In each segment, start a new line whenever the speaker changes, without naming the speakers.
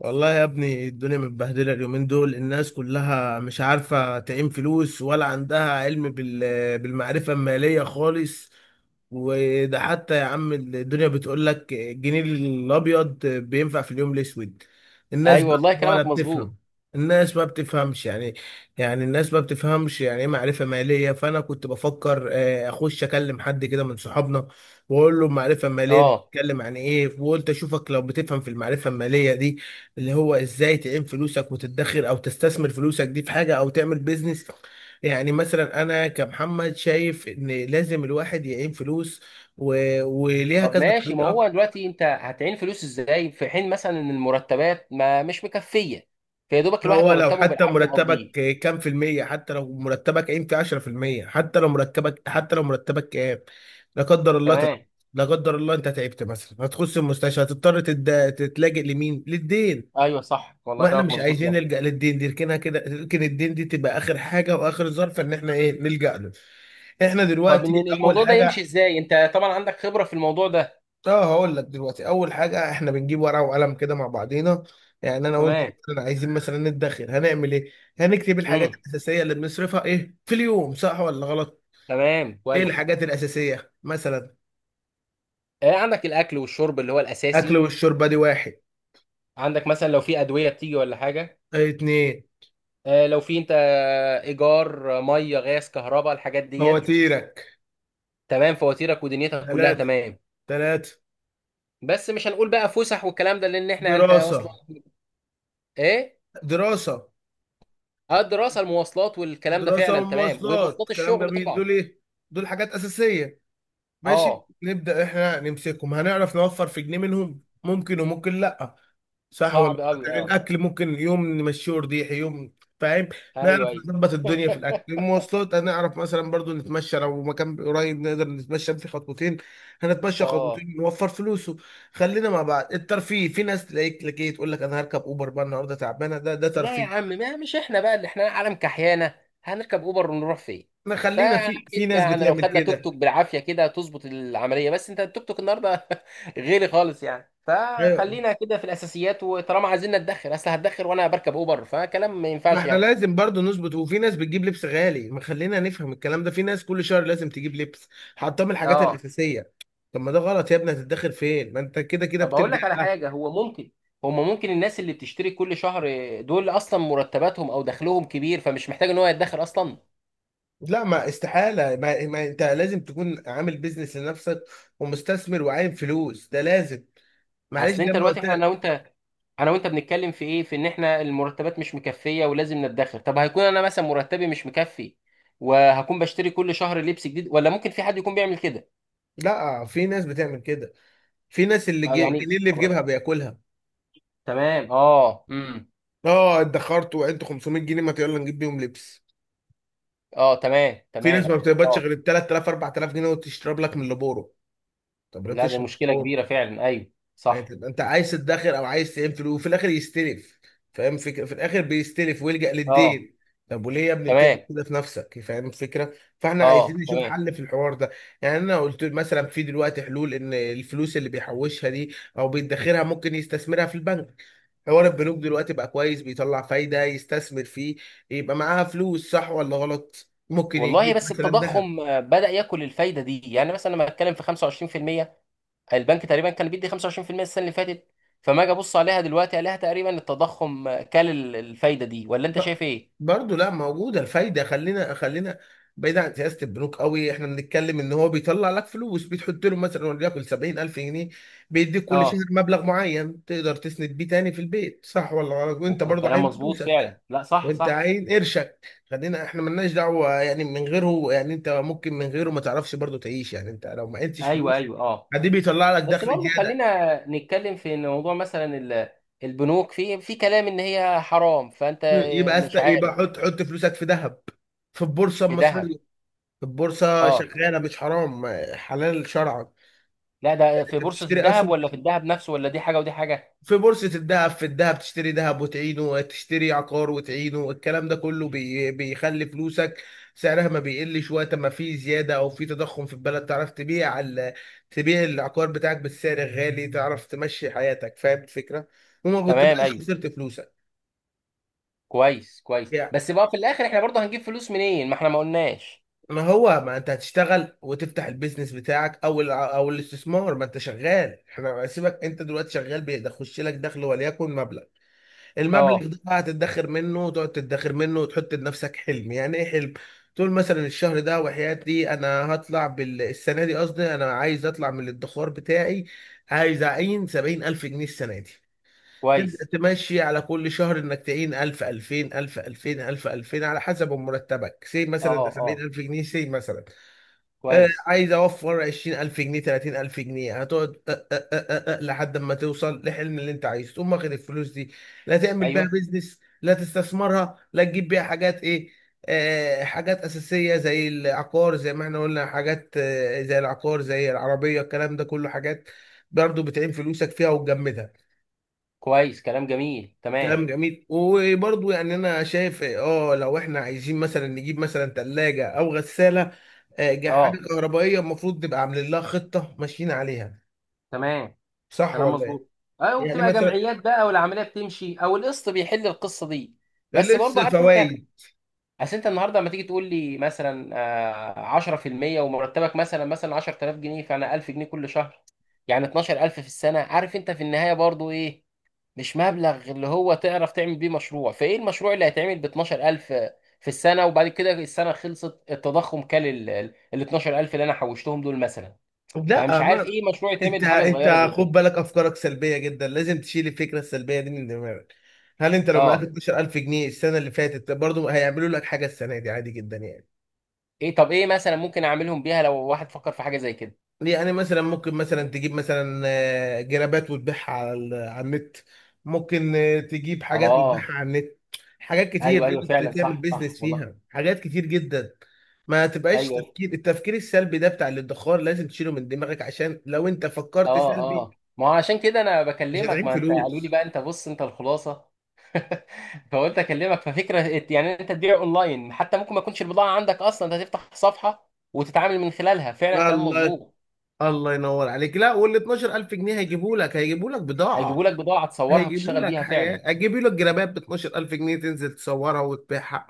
والله يا ابني الدنيا متبهدلة اليومين دول، الناس كلها مش عارفة تعين فلوس ولا عندها علم بالمعرفة المالية خالص. وده حتى يا عم، الدنيا بتقول لك الجنيه الأبيض بينفع في اليوم الأسود. الناس
ايوه
بقى
والله
ولا
كلامك
بتفهم.
مظبوط.
الناس ما بتفهمش يعني الناس ما بتفهمش يعني ايه معرفة مالية. فأنا كنت بفكر أخش أكلم حد كده من صحابنا وأقول له المعرفة المالية دي
اه،
بتتكلم عن إيه، وقلت أشوفك لو بتفهم في المعرفة المالية دي اللي هو ازاي تعين فلوسك وتدخر او تستثمر فلوسك دي في حاجه او تعمل بيزنس. يعني مثلا انا كمحمد شايف ان لازم الواحد يعين فلوس و... وليها
طب
كذا
ماشي. ما هو
طريقه.
دلوقتي انت هتعين فلوس ازاي في حين مثلا ان المرتبات ما مش مكفيه؟ فيا دوبك الواحد
هو لو
مرتبه
حتى
بالعافيه
مرتبك
مقضيه.
كام في المية، حتى لو مرتبك قيمة فيه 10%، حتى لو مرتبك كام، لا قدر الله
تمام.
تعبت. لا قدر الله انت تعبت، مثلا هتخش المستشفى، هتضطر تتلاجئ لمين؟ للدين.
ايوه صح والله
واحنا
كلامك
مش
مظبوط يا
عايزين
أخي.
نلجأ للدين دي، لكنها كده، لكن الدين دي تبقى اخر حاجه واخر ظرف ان احنا ايه نلجأ له. احنا
طب
دلوقتي
إن
اول
الموضوع ده يمشي
حاجه.
ازاي؟ انت طبعا عندك خبره في الموضوع ده.
اه هقول لك دلوقتي، اول حاجه احنا بنجيب ورقه وقلم كده مع بعضينا. يعني انا وانت
تمام.
مثلا عايزين مثلا ندخر، هنعمل ايه؟ هنكتب الحاجات
امم
الاساسيه اللي بنصرفها ايه في اليوم، صح ولا غلط؟
تمام
ايه
كويس.
الحاجات الاساسيه مثلا؟
آه عندك الاكل والشرب اللي هو
اكل
الاساسي.
والشرب دي واحد.
عندك مثلا لو في ادويه بتيجي ولا حاجه.
ايه اتنين؟
آه لو في انت ايجار، ميه غاز كهرباء الحاجات ديت.
فواتيرك.
تمام فواتيرك ودنيتك كلها
تلاتة.
تمام.
تلاتة
بس مش هنقول بقى فسح والكلام ده لان احنا انت
دراسه.
اصلا. ايه؟
دراسه.
اه الدراسه المواصلات والكلام ده
دراسة
فعلا تمام،
ومواصلات،
ومواصلات
كلام
الشغل
جميل.
طبعا.
دول ايه؟ دول حاجات أساسية. ماشي،
اه
نبدأ احنا نمسكهم، هنعرف نوفر في جنيه منهم، ممكن وممكن لأ. صح ولا
صعب
غلط؟
قوي اه.
الأكل ممكن يوم نمشيه ورديح يوم. فاهم؟
ايوه
نعرف
ايوه.
نظبط الدنيا في الأكل. المواصلات هنعرف مثلا برضو نتمشى، لو مكان قريب نقدر نتمشى في خطوتين. هنتمشى
اه.
خطوتين نوفر فلوسه. خلينا مع بعض. الترفيه، في ناس تلاقيك لك ايه تقول لك انا هركب اوبر بقى النهارده تعبانه، ده ده
لا يا
ترفيه.
عم، ما مش احنا بقى اللي احنا عالم كحيانه. هنركب اوبر ونروح فين؟
ما خلينا،
فعارف
في
انت
ناس
يعني. لو
بتعمل
خدنا توك
كده.
توك بالعافيه كده تظبط العمليه، بس انت التوك توك النهارده غالي خالص يعني.
ايوه،
فخلينا كده في الاساسيات، وطالما عايزين نتدخل اصل هتدخل وانا بركب اوبر فكلام ما
ما
ينفعش
احنا
يعني.
لازم برضو نظبط، وفي ناس بتجيب لبس غالي، ما خلينا نفهم الكلام ده. في ناس كل شهر لازم تجيب لبس، حاطاه من الحاجات
اه
الأساسية. طب ما ده غلط يا ابني، هتتدخل فين ما انت كده كده
طب اقول
بتلجأ
لك على
بقى؟
حاجه. هو ممكن، هما ممكن الناس اللي بتشتري كل شهر دول اصلا مرتباتهم او دخلهم كبير فمش محتاج ان هو يتدخر اصلا.
لا، ما استحالة، ما انت لازم تكون عامل بيزنس لنفسك ومستثمر وعايم فلوس، ده لازم. معلش
اصل
زي
انت
ما
دلوقتي
قلت
احنا انا
لك.
وانت، انا وانت بنتكلم في ايه؟ في ان احنا المرتبات مش مكفيه ولازم نتدخر. طب هيكون انا مثلا مرتبي مش مكفي وهكون بشتري كل شهر لبس جديد؟ ولا ممكن في حد يكون بيعمل كده؟
لا، في ناس بتعمل كده. في ناس اللي
اه
الجنيه
يعني.
اللي في جيبها بياكلها.
تمام. اه.
اه ادخرت وعدت 500 جنيه، ما يلا نجيب بيهم لبس.
اه، تمام
في ناس ما
تمام
بتقبضش
اه
غير ب 3000 4000 جنيه وتشرب لك من لبورو. طب ليه
لا ده
بتشرب
مشكله
بترول؟
كبيره فعلا. ايوه
يعني
صح.
انت أنت عايز تدخر او عايز تعمل فلوس وفي الاخر يستلف؟ فاهم فكره؟ في الاخر بيستلف ويلجأ
اه
للدين. طب وليه يا ابني بتعمل
تمام.
كده في نفسك؟ فاهم الفكره؟ فاحنا
اه
عايزين نشوف
تمام.
حل في الحوار ده. يعني انا قلت مثلا في دلوقتي حلول، ان الفلوس اللي بيحوشها دي او بيدخرها ممكن يستثمرها في البنك. حوار البنوك دلوقتي بقى كويس، بيطلع فايده، يستثمر فيه، يبقى معاها فلوس صح ولا غلط؟ ممكن
والله
يجيب
بس
مثلا ذهب.
التضخم، بدأ ياكل الفايدة دي. يعني مثلا لما اتكلم في 25%، البنك تقريبا كان بيدي 25% السنة اللي فاتت. فما اجي ابص عليها دلوقتي عليها تقريبا التضخم، كل الفايدة دي، ولا انت
ب-
شايف ايه؟
برضه لا، موجوده الفايده. خلينا، بعيد عن سياسه البنوك قوي. احنا بنتكلم ان هو بيطلع لك فلوس، بتحط له مثلا وليكن 70000 جنيه، بيديك كل شهر
اه
مبلغ معين تقدر تسند بيه تاني في البيت. صح ولا غلط؟ وانت برضه
كلام
عايز
مظبوط
فلوسك،
فعلا. لا صح
وانت
صح.
عايز قرشك. خلينا احنا ملناش دعوه يعني من غيره. يعني انت ممكن من غيره ما تعرفش برضه تعيش، يعني انت لو ما عندكش
ايوه
فلوس
ايوه اه.
عادي بيطلع لك
بس
دخل
برضه
زياده.
خلينا نتكلم في إن موضوع مثلا البنوك، في كلام ان هي حرام، فانت مش
يبقى
عارف.
حط فلوسك في ذهب، في البورصه
في ذهب.
المصريه. البورصة
اه
شغالة مش حرام، حلال شرعا.
لا ده في
انت
بورصة
بتشتري
الذهب
اسهم
ولا في الذهب نفسه؟ ولا دي حاجة ودي حاجة؟
في بورصة الذهب، في الذهب تشتري ذهب وتعينه، تشتري عقار وتعينه، الكلام ده كله بي بيخلي فلوسك سعرها ما بيقلش. وقت ما في زيادة او في تضخم في البلد تعرف تبيع تبيع العقار بتاعك بالسعر الغالي، تعرف تمشي حياتك. فاهم الفكرة؟ وما كنت
تمام
بقاش
ايوه.
خسرت فلوسك.
كويس بس بقى في الاخر احنا برضه هنجيب فلوس منين؟ ما احنا ما قلناش.
ما هو ما انت هتشتغل وتفتح البيزنس بتاعك او او الاستثمار، ما انت شغال. احنا سيبك، انت دلوقتي شغال، بيخش لك دخل وليكن مبلغ. المبلغ
اه
ده بقى هتدخر منه، وتقعد تدخر منه وتحط لنفسك حلم. يعني ايه حلم؟ تقول مثلا الشهر ده وحياتي انا هطلع السنه دي، قصدي انا عايز اطلع من الادخار بتاعي عايز اعين سبعين الف جنيه السنه دي. تبدأ
كويس.
تمشي على كل شهر انك تعين 1000 2000 1000 2000 1000 2000 على حسب مرتبك، سي مثلا
اه
ده
اه
70000 جنيه سي مثلا.
كويس.
عايز اوفر 20000 جنيه 30000 جنيه، هتقعد أه أه أه أه لحد ما توصل لحلم اللي انت عايزه، تقوم واخد الفلوس دي، لا تعمل بيها
ايوه
بيزنس، لا تستثمرها، لا تجيب بيها حاجات. ايه؟ آه حاجات اساسيه زي العقار، زي ما احنا قلنا حاجات آه زي العقار زي العربيه، الكلام ده كله حاجات برضه بتعين فلوسك فيها وتجمدها.
كويس كلام جميل تمام.
كلام جميل. وبرضه يعني انا شايف اه لو احنا عايزين مثلا نجيب مثلا ثلاجه او غساله،
اه
جحافل كهربائيه، المفروض نبقى عاملين لها خطه ماشيين عليها.
تمام
صح
كلام
ولا ايه؟
مظبوط. اه،
يعني
وبتبقى
مثلا
جمعيات بقى والعمليه بتمشي، او القسط بيحل القصه دي. بس
لبس
برضه عارف انت.
فوائد.
اصل انت النهارده لما تيجي تقول لي مثلا، 10% ومرتبك مثلا 10000 جنيه، فانا 1000 جنيه كل شهر. يعني 12000 في السنه. عارف انت في النهايه برضه ايه؟ مش مبلغ اللي هو تعرف تعمل بيه مشروع. فايه المشروع اللي هيتعمل ب 12000 في السنه؟ وبعد كده السنه خلصت، التضخم كل ال 12000 اللي انا حوشتهم دول مثلا. فمش
لا ما
عارف ايه مشروع
انت،
يتعمل بحاجه صغيره
انت
زي
خد
كده.
بالك افكارك سلبيه جدا، لازم تشيل الفكره السلبيه دي من دماغك. هل انت لو معاك
اه،
12000 جنيه السنه اللي فاتت برضه هيعملوا لك حاجه السنه دي؟ عادي جدا يعني.
ايه طب ايه مثلا ممكن اعملهم بيها لو واحد فكر في حاجه زي كده؟
يعني مثلا ممكن مثلا تجيب مثلا جرابات وتبيعها على على النت. ممكن تجيب حاجات
اه
وتبيعها على النت، حاجات كتير.
ايوه ايوه
تقدر
فعلا
تعمل
صح صح
بيزنس
والله.
فيها حاجات كتير جدا. ما تبقاش
ايوه
تفكير، التفكير السلبي ده بتاع الادخار لازم تشيله من دماغك، عشان لو انت فكرت
اه
سلبي
اه. ما هو عشان كده انا
مش
بكلمك.
هتعين
ما انت قالوا لي
فلوس.
بقى انت بص انت الخلاصه. فقلت اكلمك. ففكره يعني انت تبيع اونلاين، حتى ممكن ما يكونش البضاعه عندك اصلا. انت تفتح صفحه وتتعامل من خلالها. فعلا كلام
الله.
مظبوط.
الله ينور عليك. لا، وال 12000 جنيه هيجيبوا لك
هيجيبوا
بضاعة،
لك بضاعه تصورها
هيجيبوا
وتشتغل
لك
بيها فعلا.
حاجات، هيجيبوا لك جرابات ب 12000 جنيه، تنزل تصورها وتبيعها.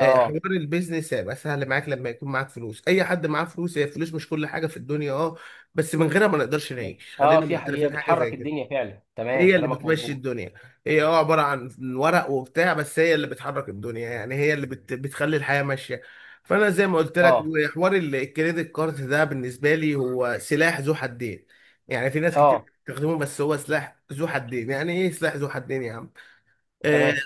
حوار البيزنس هيبقى سهل معاك لما يكون معاك فلوس. اي حد معاه فلوس، هي الفلوس مش كل حاجه في الدنيا اه، بس من غيرها ما نقدرش نعيش،
اه،
خلينا
في هي
معترفين حاجه زي
بتحرك الدنيا
كده.
فعلا. تمام
هي اللي
كلامك
بتمشي
مظبوط.
الدنيا. هي اه عبارة عن ورق وبتاع، بس هي اللي بتحرك الدنيا، يعني هي اللي بتخلي الحياة ماشية. فأنا زي ما قلت لك،
اه
وحوار الكريدت كارد ده بالنسبة لي هو سلاح ذو حدين. يعني في ناس كتير
اه
بتستخدمه بس هو سلاح ذو حدين. يعني ايه سلاح ذو حدين يا عم؟ آه،
تمام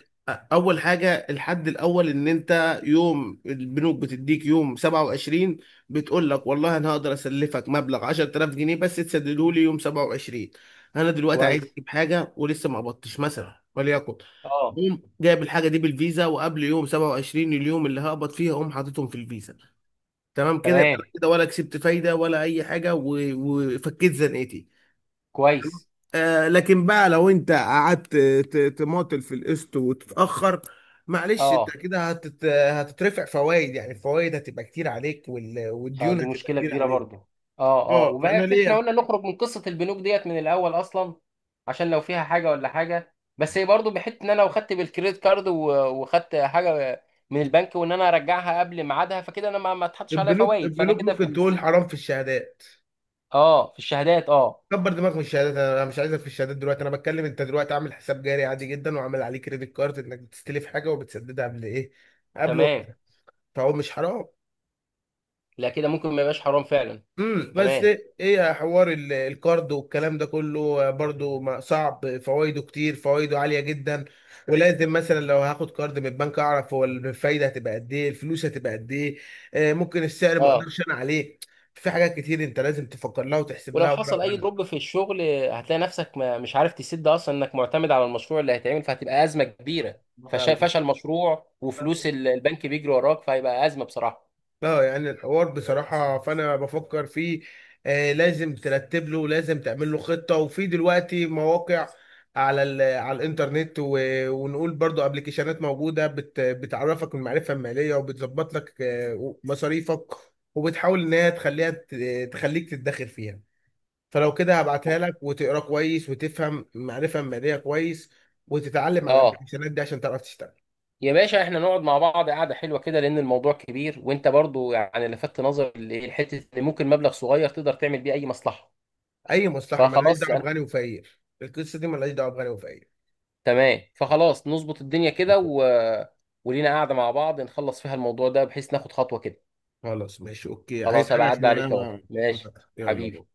اول حاجه، الحد الاول ان انت يوم البنوك بتديك يوم 27، بتقول لك والله انا هقدر اسلفك مبلغ 10000 جنيه بس تسدده لي يوم 27. انا دلوقتي عايز
كويس.
اجيب حاجه ولسه ما قبضتش مثلا وليكن،
اه
قوم جايب الحاجه دي بالفيزا، وقبل يوم 27 اليوم اللي هقبض فيها اقوم حاططهم في الفيزا. تمام كده، يبقى
تمام
أنا كده ولا كسبت فايده ولا اي حاجه، وفكيت زنقتي.
كويس.
لكن بقى لو انت قعدت تماطل في القسط وتتاخر، معلش
اه
انت كده هتترفع فوائد، يعني الفوائد هتبقى كتير عليك
اه
والديون
دي
هتبقى
مشكلة
كتير
كبيرة
عليك.
برضو. اه اه،
اه
وبقى
فانا
احنا
ليه؟
قلنا نخرج من قصة البنوك ديت من الأول أصلا. عشان لو فيها حاجة ولا حاجة، بس هي برضو بحته إن أنا لو خدت بالكريدت كارد وخدت حاجة من البنك، وإن أنا أرجعها قبل ميعادها، فكده أنا ما اتحطش عليا
البنوك،
فوائد. فأنا
البنوك
كده في
ممكن
الس...
تقول حرام في الشهادات.
اه في الشهادات اه.
كبر دماغك من الشهادات، انا مش عايزك في الشهادات دلوقتي. انا بتكلم انت دلوقتي عامل حساب جاري عادي جدا، وعامل عليه كريدت كارد، انك بتستلف حاجه وبتسددها قبل ايه؟ قبل وقت.
تمام.
فهو مش حرام.
لا كده ممكن ما يبقاش حرام فعلا.
امم، بس
تمام.
ايه حوار الكارد والكلام ده كله؟ برضو صعب، فوائده كتير، فوائده عاليه جدا. ولازم مثلا لو هاخد كارد من البنك اعرف هو الفايده هتبقى قد ايه، الفلوس هتبقى قد ايه. ممكن السعر ما
اه،
اقدرش انا عليه. في حاجات كتير انت لازم تفكر لها وتحسب
ولو
لها ورقه
حصل اي
وقلم.
دروب في الشغل هتلاقي نفسك ما مش عارف تسد اصلا، انك معتمد على المشروع اللي هيتعمل، فهتبقى ازمه كبيره. فشل مشروع
يلا.
وفلوس البنك بيجري وراك، فهيبقى ازمه بصراحه.
اه يعني الحوار بصراحة فأنا بفكر فيه. آه لازم ترتب له، لازم تعمل له خطة. وفي دلوقتي مواقع على على الإنترنت، ونقول برضو ابلكيشنات موجودة بتعرفك المعرفة المالية وبتظبط لك مصاريفك، وبتحاول إن هي تخليها تخليك تتدخل فيها. فلو كده هبعتها لك وتقرا كويس وتفهم المعرفة المالية كويس، وتتعلم على
اه،
الابلكيشنات دي عشان تعرف تشتغل.
يا باشا احنا نقعد مع بعض قعده حلوه كده لان الموضوع كبير، وانت برضو يعني لفت نظر الحته اللي ممكن مبلغ صغير تقدر تعمل بيه اي مصلحه.
أي مصلحة ملهاش
فخلاص
دعوة
أنا-
بغني وفقير، القصة دي ملهاش دعوة بغني وفقير.
تمام فخلاص نظبط الدنيا كده و... ولينا قاعده مع بعض نخلص فيها الموضوع ده، بحيث ناخد خطوه كده.
خلاص ماشي اوكي، عايز
خلاص
حاجة
هبقى عدى
عشان انا
عليك يا وضع
ما
ماشي.
مزق. يلا بقى.
حبيبي